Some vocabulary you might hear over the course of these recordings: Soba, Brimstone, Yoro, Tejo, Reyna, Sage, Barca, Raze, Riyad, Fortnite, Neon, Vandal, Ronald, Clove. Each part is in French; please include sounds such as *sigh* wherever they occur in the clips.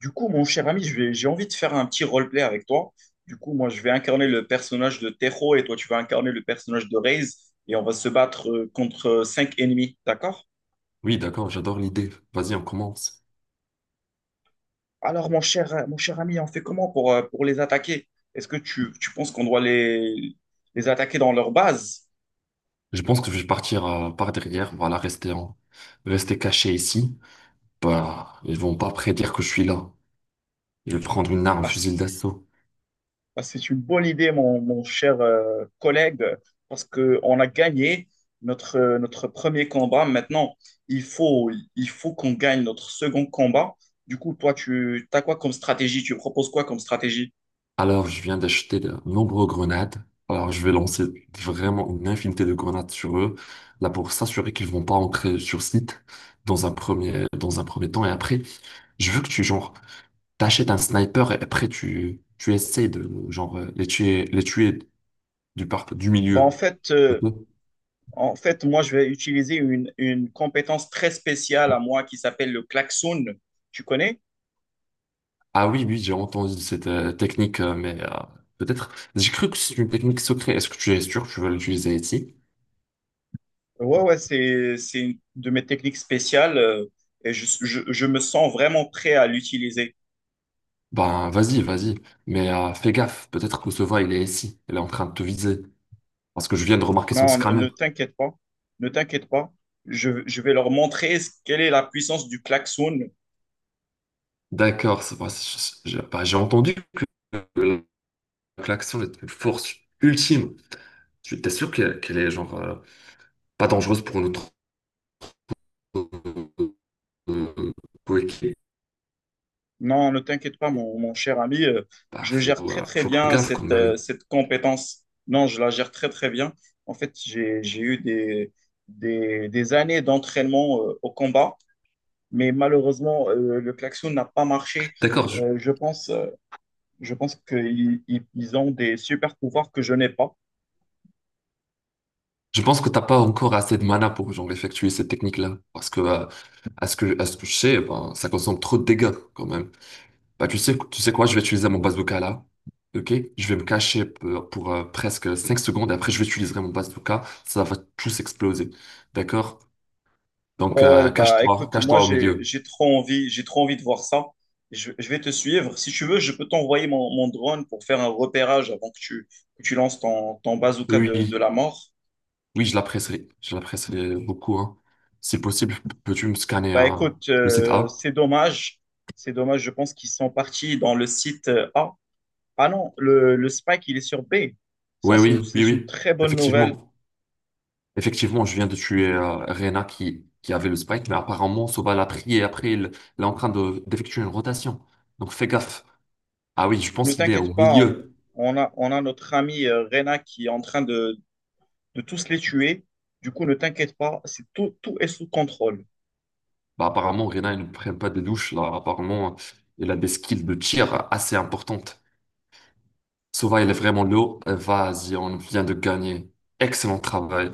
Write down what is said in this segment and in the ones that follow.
Du coup, mon cher ami, j'ai envie de faire un petit roleplay avec toi. Du coup, moi, je vais incarner le personnage de Tejo et toi, tu vas incarner le personnage de Raze et on va se battre contre cinq ennemis, d'accord? Oui, d'accord, j'adore l'idée. Vas-y, on commence. Alors, mon cher ami, on fait comment pour les attaquer? Tu penses qu'on doit les attaquer dans leur base? Je pense que je vais partir par derrière, voilà, rester en... rester caché ici. Bah, ils vont pas prédire que je suis là. Je vais prendre une arme, fusil d'assaut. Bah, c'est une bonne idée, mon cher collègue, parce qu'on a gagné notre premier combat. Maintenant, il faut, il faut qu'on gagne notre second combat. Du coup, toi, tu as quoi comme stratégie? Tu proposes quoi comme stratégie? Alors, je viens d'acheter de nombreuses grenades. Alors, je vais lancer vraiment une infinité de grenades sur eux, là pour s'assurer qu'ils vont pas entrer sur site dans un premier temps. Et après, je veux que tu, genre, t'achètes un sniper et après, tu essaies de, genre, les tuer du, par... du Bah, en milieu. fait, Ok. euh, en fait, moi, je vais utiliser une compétence très spéciale à moi qui s'appelle le klaxon. Tu connais? Ah oui, oui, j'ai entendu cette technique, mais peut-être. J'ai cru que c'est une technique secrète. Est-ce que tu es sûr que tu veux l'utiliser ici? Ouais, ouais, c'est une de mes techniques spéciales et je me sens vraiment prêt à l'utiliser. Ben, vas-y, vas-y. Mais fais gaffe, peut-être que ce va, il est ici. Il est en train de te viser. Parce que je viens de remarquer son Non, scanner. ne t'inquiète pas, ne t'inquiète pas. Je vais leur montrer quelle est la puissance du klaxon. D'accord, c'est vrai, j'ai bah, j'ai entendu que l'action est une force ultime. Tu t'es sûr qu'elle est genre pas dangereuse pour notre euh, coéquipier? Non, ne t'inquiète pas, mon cher ami. Bah, Je faut, gère très, très faut faire bien gaffe quand même. Cette compétence. Non, je la gère très, très bien. En fait, j'ai eu des années d'entraînement au combat, mais malheureusement, le klaxon n'a pas marché. D'accord. Euh, je pense euh, Je pense qu'ils ont des super pouvoirs que je n'ai pas. Je pense que t'as pas encore assez de mana pour genre effectuer cette technique-là, parce que à ce que je sais, ben, ça consomme trop de dégâts quand même. Bah tu sais quoi, je vais utiliser mon bazooka là, ok? Je vais me cacher pour, presque 5 secondes, et après je vais utiliser mon bazooka, ça va tous exploser, d'accord? Ouais, Donc ouais, bah cache-toi, écoute, moi cache-toi au milieu. J'ai trop envie de voir ça. Je vais te suivre. Si tu veux, je peux t'envoyer mon drone pour faire un repérage avant que tu lances ton bazooka Oui oui de oui, la mort. oui, je la presserai beaucoup hein. Si possible, peux-tu me scanner Bah écoute, le site A? c'est dommage. C'est dommage, je pense qu'ils sont partis dans le site A. Ah non, le Spike, il est sur B. Ça, Oui oui oui c'est une oui, très bonne nouvelle. effectivement. Effectivement, je viens de tuer Reyna qui avait le spike, mais apparemment, Soba l'a pris et après, il est en train de, d'effectuer une rotation. Donc fais gaffe. Ah oui, je Ne pense qu'il est t'inquiète au pas, milieu. On a notre ami Reyna qui est en train de tous les tuer. Du coup, ne t'inquiète pas, c'est tout, tout est sous contrôle. Bah, apparemment, Reyna, il ne prend pas de douche. Là. Apparemment, il a des skills de tir assez importantes. Soba, il est vraiment low. Vas-y, on vient de gagner. Excellent travail.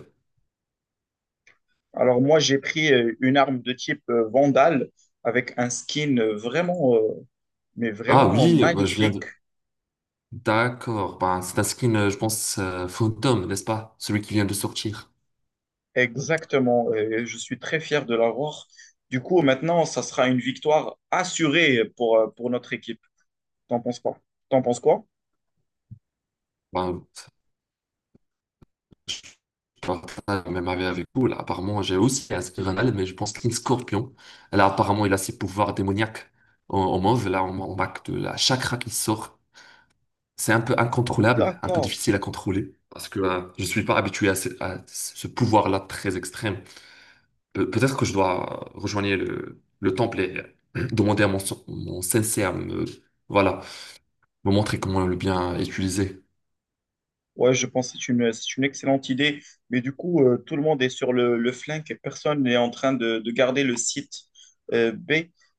Alors moi, j'ai pris une arme de type Vandal avec un skin mais Ah vraiment oui, bah, je viens magnifique. de... D'accord. Bah, c'est un skin, je pense, fantôme, n'est-ce pas? Celui qui vient de sortir. Exactement. Et je suis très fier de l'avoir. Du coup, maintenant, ça sera une victoire assurée pour notre équipe. T'en penses quoi? T'en penses quoi? Ben, Barca, même avec vous, là, apparemment, j'ai aussi inscrit Ronald, mais je pense qu'une scorpion. Là, apparemment, il a ses pouvoirs démoniaques en, en mauve. Là, on marque de la chakra qui sort. C'est un peu incontrôlable, un peu D'accord. difficile à contrôler, parce que je suis pas habitué à ce pouvoir-là très extrême. Peut-être que je dois rejoindre le temple et *clears throat* demander à mon, mon sensei à me, voilà, me montrer comment le bien utiliser. Ouais, je pense que c'est une excellente idée. Mais du coup, tout le monde est sur le flingue et personne n'est en train de garder le site B.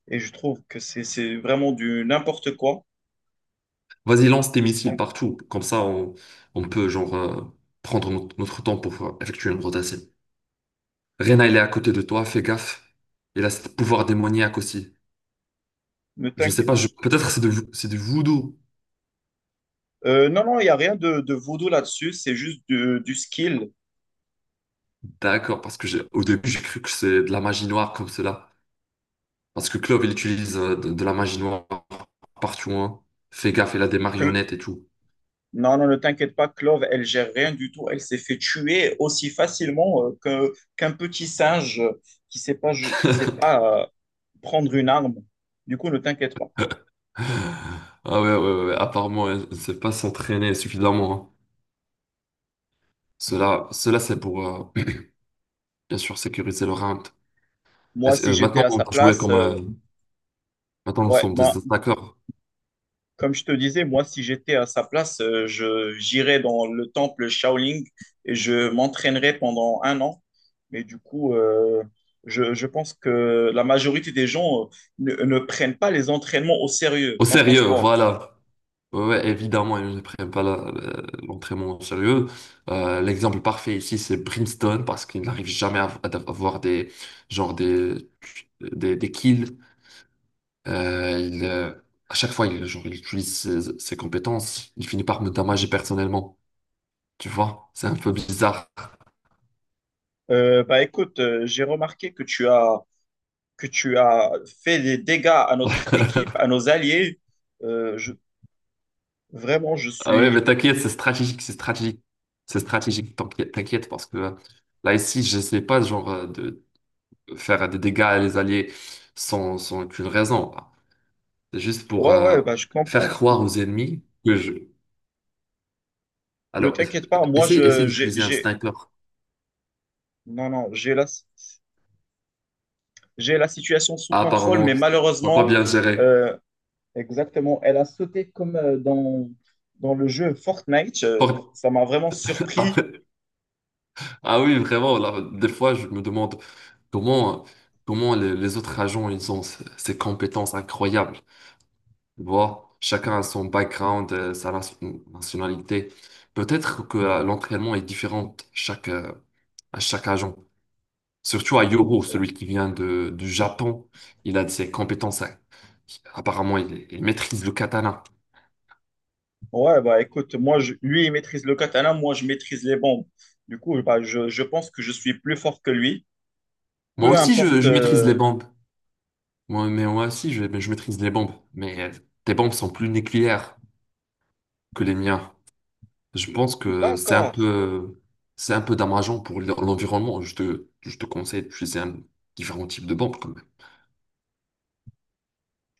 Et je trouve que c'est vraiment du n'importe quoi. Vas-y, lance tes missiles Bon, partout. Comme ça, on peut genre prendre notre temps pour effectuer une rotation. Reyna, il est à côté de toi, fais gaffe. Il a ce pouvoir démoniaque aussi. ne Je sais t'inquiète. pas, je... peut-être c'est c'est du voodoo. Non, non, il n'y a rien de, de voodoo là-dessus. C'est juste du skill. D'accord, parce que j'ai au début j'ai cru que c'est de la magie noire comme cela. Parce que Clove, il utilise de la magie noire partout, hein. Fais gaffe, il a des marionnettes et tout. Non, non, ne t'inquiète pas, Clove, elle gère rien du tout. Elle s'est fait tuer aussi facilement qu'un petit singe qui sait pas, qui sait *laughs* pas prendre une arme. Du coup, ne t'inquiète pas. Ah ouais, ouais, ouais, ouais, apparemment, elle ne sait pas s'entraîner suffisamment, hein. Cela, cela c'est pour... euh, bien sûr, sécuriser le round. Moi, si j'étais Maintenant, à on sa va jouer place, comme... maintenant, nous ouais, sommes des bah, attaqueurs. comme je te disais, moi, si j'étais à sa place, je j'irais dans le temple Shaolin et je m'entraînerais pendant un an. Mais du coup, je pense que la majorité des gens ne prennent pas les entraînements au sérieux. Au T'en penses sérieux, quoi? voilà. Ouais, ouais, évidemment, ils ne prennent pas l'entraînement au sérieux. L'exemple parfait ici, c'est Brimstone, parce qu'il n'arrive jamais à, à avoir des, genre des kills. Euh, il, euh, à chaque fois, il, genre, il utilise ses, ses compétences. Il finit par me damager personnellement. Tu vois, c'est un peu bizarre. Bah écoute, j'ai remarqué que tu as fait des dégâts à notre *laughs* équipe, à nos alliés. Euh, je- vraiment, je Ah ouais, mais suis. t'inquiète, c'est stratégique, c'est stratégique. C'est stratégique, t'inquiète, t'inquiète, parce que là, ici, j'essaie pas, genre, de faire des dégâts à les alliés sans, sans aucune raison. C'est juste pour Ouais, ouais, bah je comprends. faire Je croire comprends. aux ennemis que je... Ne Alors, t'inquiète pas, moi essaye, essaye je d'utiliser un j'ai- sniper. non non j'ai la situation sous Ah, contrôle, apparemment, mais t'as pas malheureusement, bien géré. euh, exactement, elle a sauté comme dans dans le jeu Fortnite. Pour- Ça m'a vraiment surpris. *laughs* Ah oui, vraiment, là, des fois, je me demande comment, comment les autres agents, ils ont ces ces compétences incroyables. Tu vois, chacun a son background, sa nationalité. Peut-être que l'entraînement est différent chaque, à chaque agent. Surtout à Yoro, celui qui vient de, du Japon, il a de ses compétences. À- Apparemment, il maîtrise le katana. Ouais, bah écoute, lui, il maîtrise le katana, moi, je maîtrise les bombes. Du coup, bah, je pense que je suis plus fort que lui, Moi peu aussi, importe. je maîtrise les bombes. Moi, mais moi aussi, je maîtrise les bombes. Mais tes bombes sont plus nucléaires que les miens. Je pense que D'accord. C'est un peu dommageant pour l'environnement. Je te conseille d'utiliser un différent type de bombes.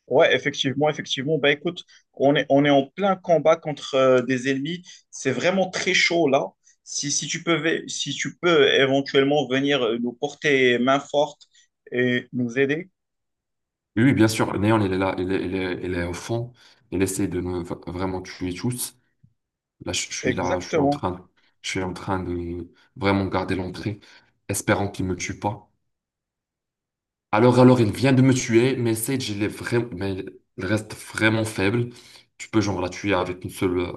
Ouais, effectivement, effectivement. Bah écoute, on est en plein combat contre des ennemis. C'est vraiment très chaud là. Si tu peux éventuellement venir nous porter main forte et nous aider. Oui, oui, bien sûr. Néon, il est là, il est, il est, il est au fond. Il essaie de vraiment tuer tous. Là, je suis en Exactement. train, je suis en train de vraiment garder l'entrée, espérant qu'il me tue pas. Alors, il vient de me tuer, mais Sage, il est vraiment, mais il reste vraiment faible. Tu peux genre la tuer avec une seule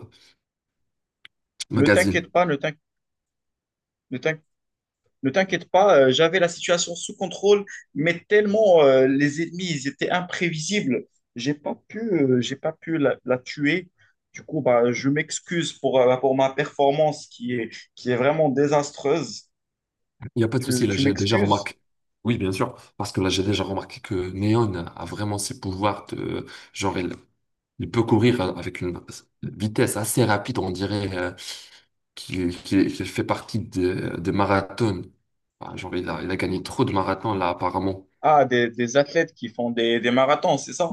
Ne t'inquiète magazine. pas, ne t'inquiète, Ne t'inquiète pas, j'avais la situation sous contrôle, mais tellement les ennemis, ils étaient imprévisibles, j'ai pas pu la tuer. Du coup, bah, je m'excuse pour ma performance qui est vraiment désastreuse. Il n'y a pas de souci, là, Tu j'ai déjà m'excuses? remarqué. Oui, bien sûr, parce que là, j'ai déjà remarqué que Neon a vraiment ses pouvoirs de... Genre, il peut courir avec une vitesse assez rapide, on dirait qu'il fait partie des marathons. Ah, genre, il a gagné trop de marathons, là, apparemment. Ah, des athlètes qui font des marathons, c'est ça?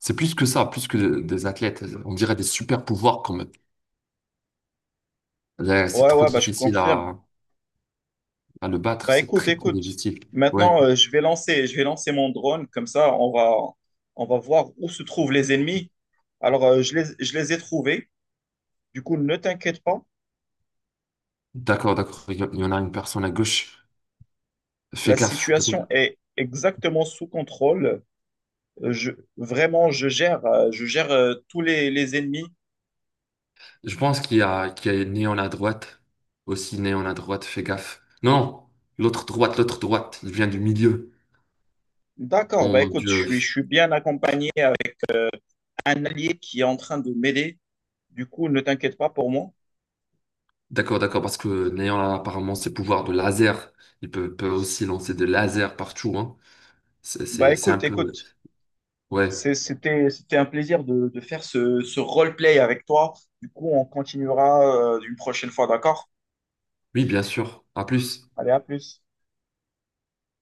C'est plus que ça, plus que des athlètes. On dirait des super pouvoirs, quand même. Là, c'est Ouais, trop ouais, bah, je difficile confirme. À le battre, Bah, c'est écoute, très, très écoute. difficile. Ouais, Maintenant, je vais lancer mon drone. Comme ça, on va voir où se trouvent les ennemis. Alors, je les ai trouvés. Du coup, ne t'inquiète pas, d'accord, d'accord. Il y en a une personne à gauche. Fais la gaffe, peut-être. situation est exactement sous contrôle. Euh, Je, je gère tous les ennemis. Je pense qu'il y a une néon à droite. Aussi néon à droite, fais gaffe. Non, non, l'autre droite, il vient du milieu. D'accord, Oh bah mon écoute, Dieu. Je suis bien accompagné avec un allié qui est en train de m'aider. Du coup, ne t'inquiète pas pour moi. D'accord, d'accord, parce que néon a apparemment ses pouvoirs de laser. Il peut, peut aussi lancer des lasers partout, hein. Bah C'est un écoute, peu... écoute, Ouais, c'était un plaisir de faire ce roleplay avec toi. Du coup, on continuera une prochaine fois, d'accord? oui, bien sûr. À plus. Allez, à plus.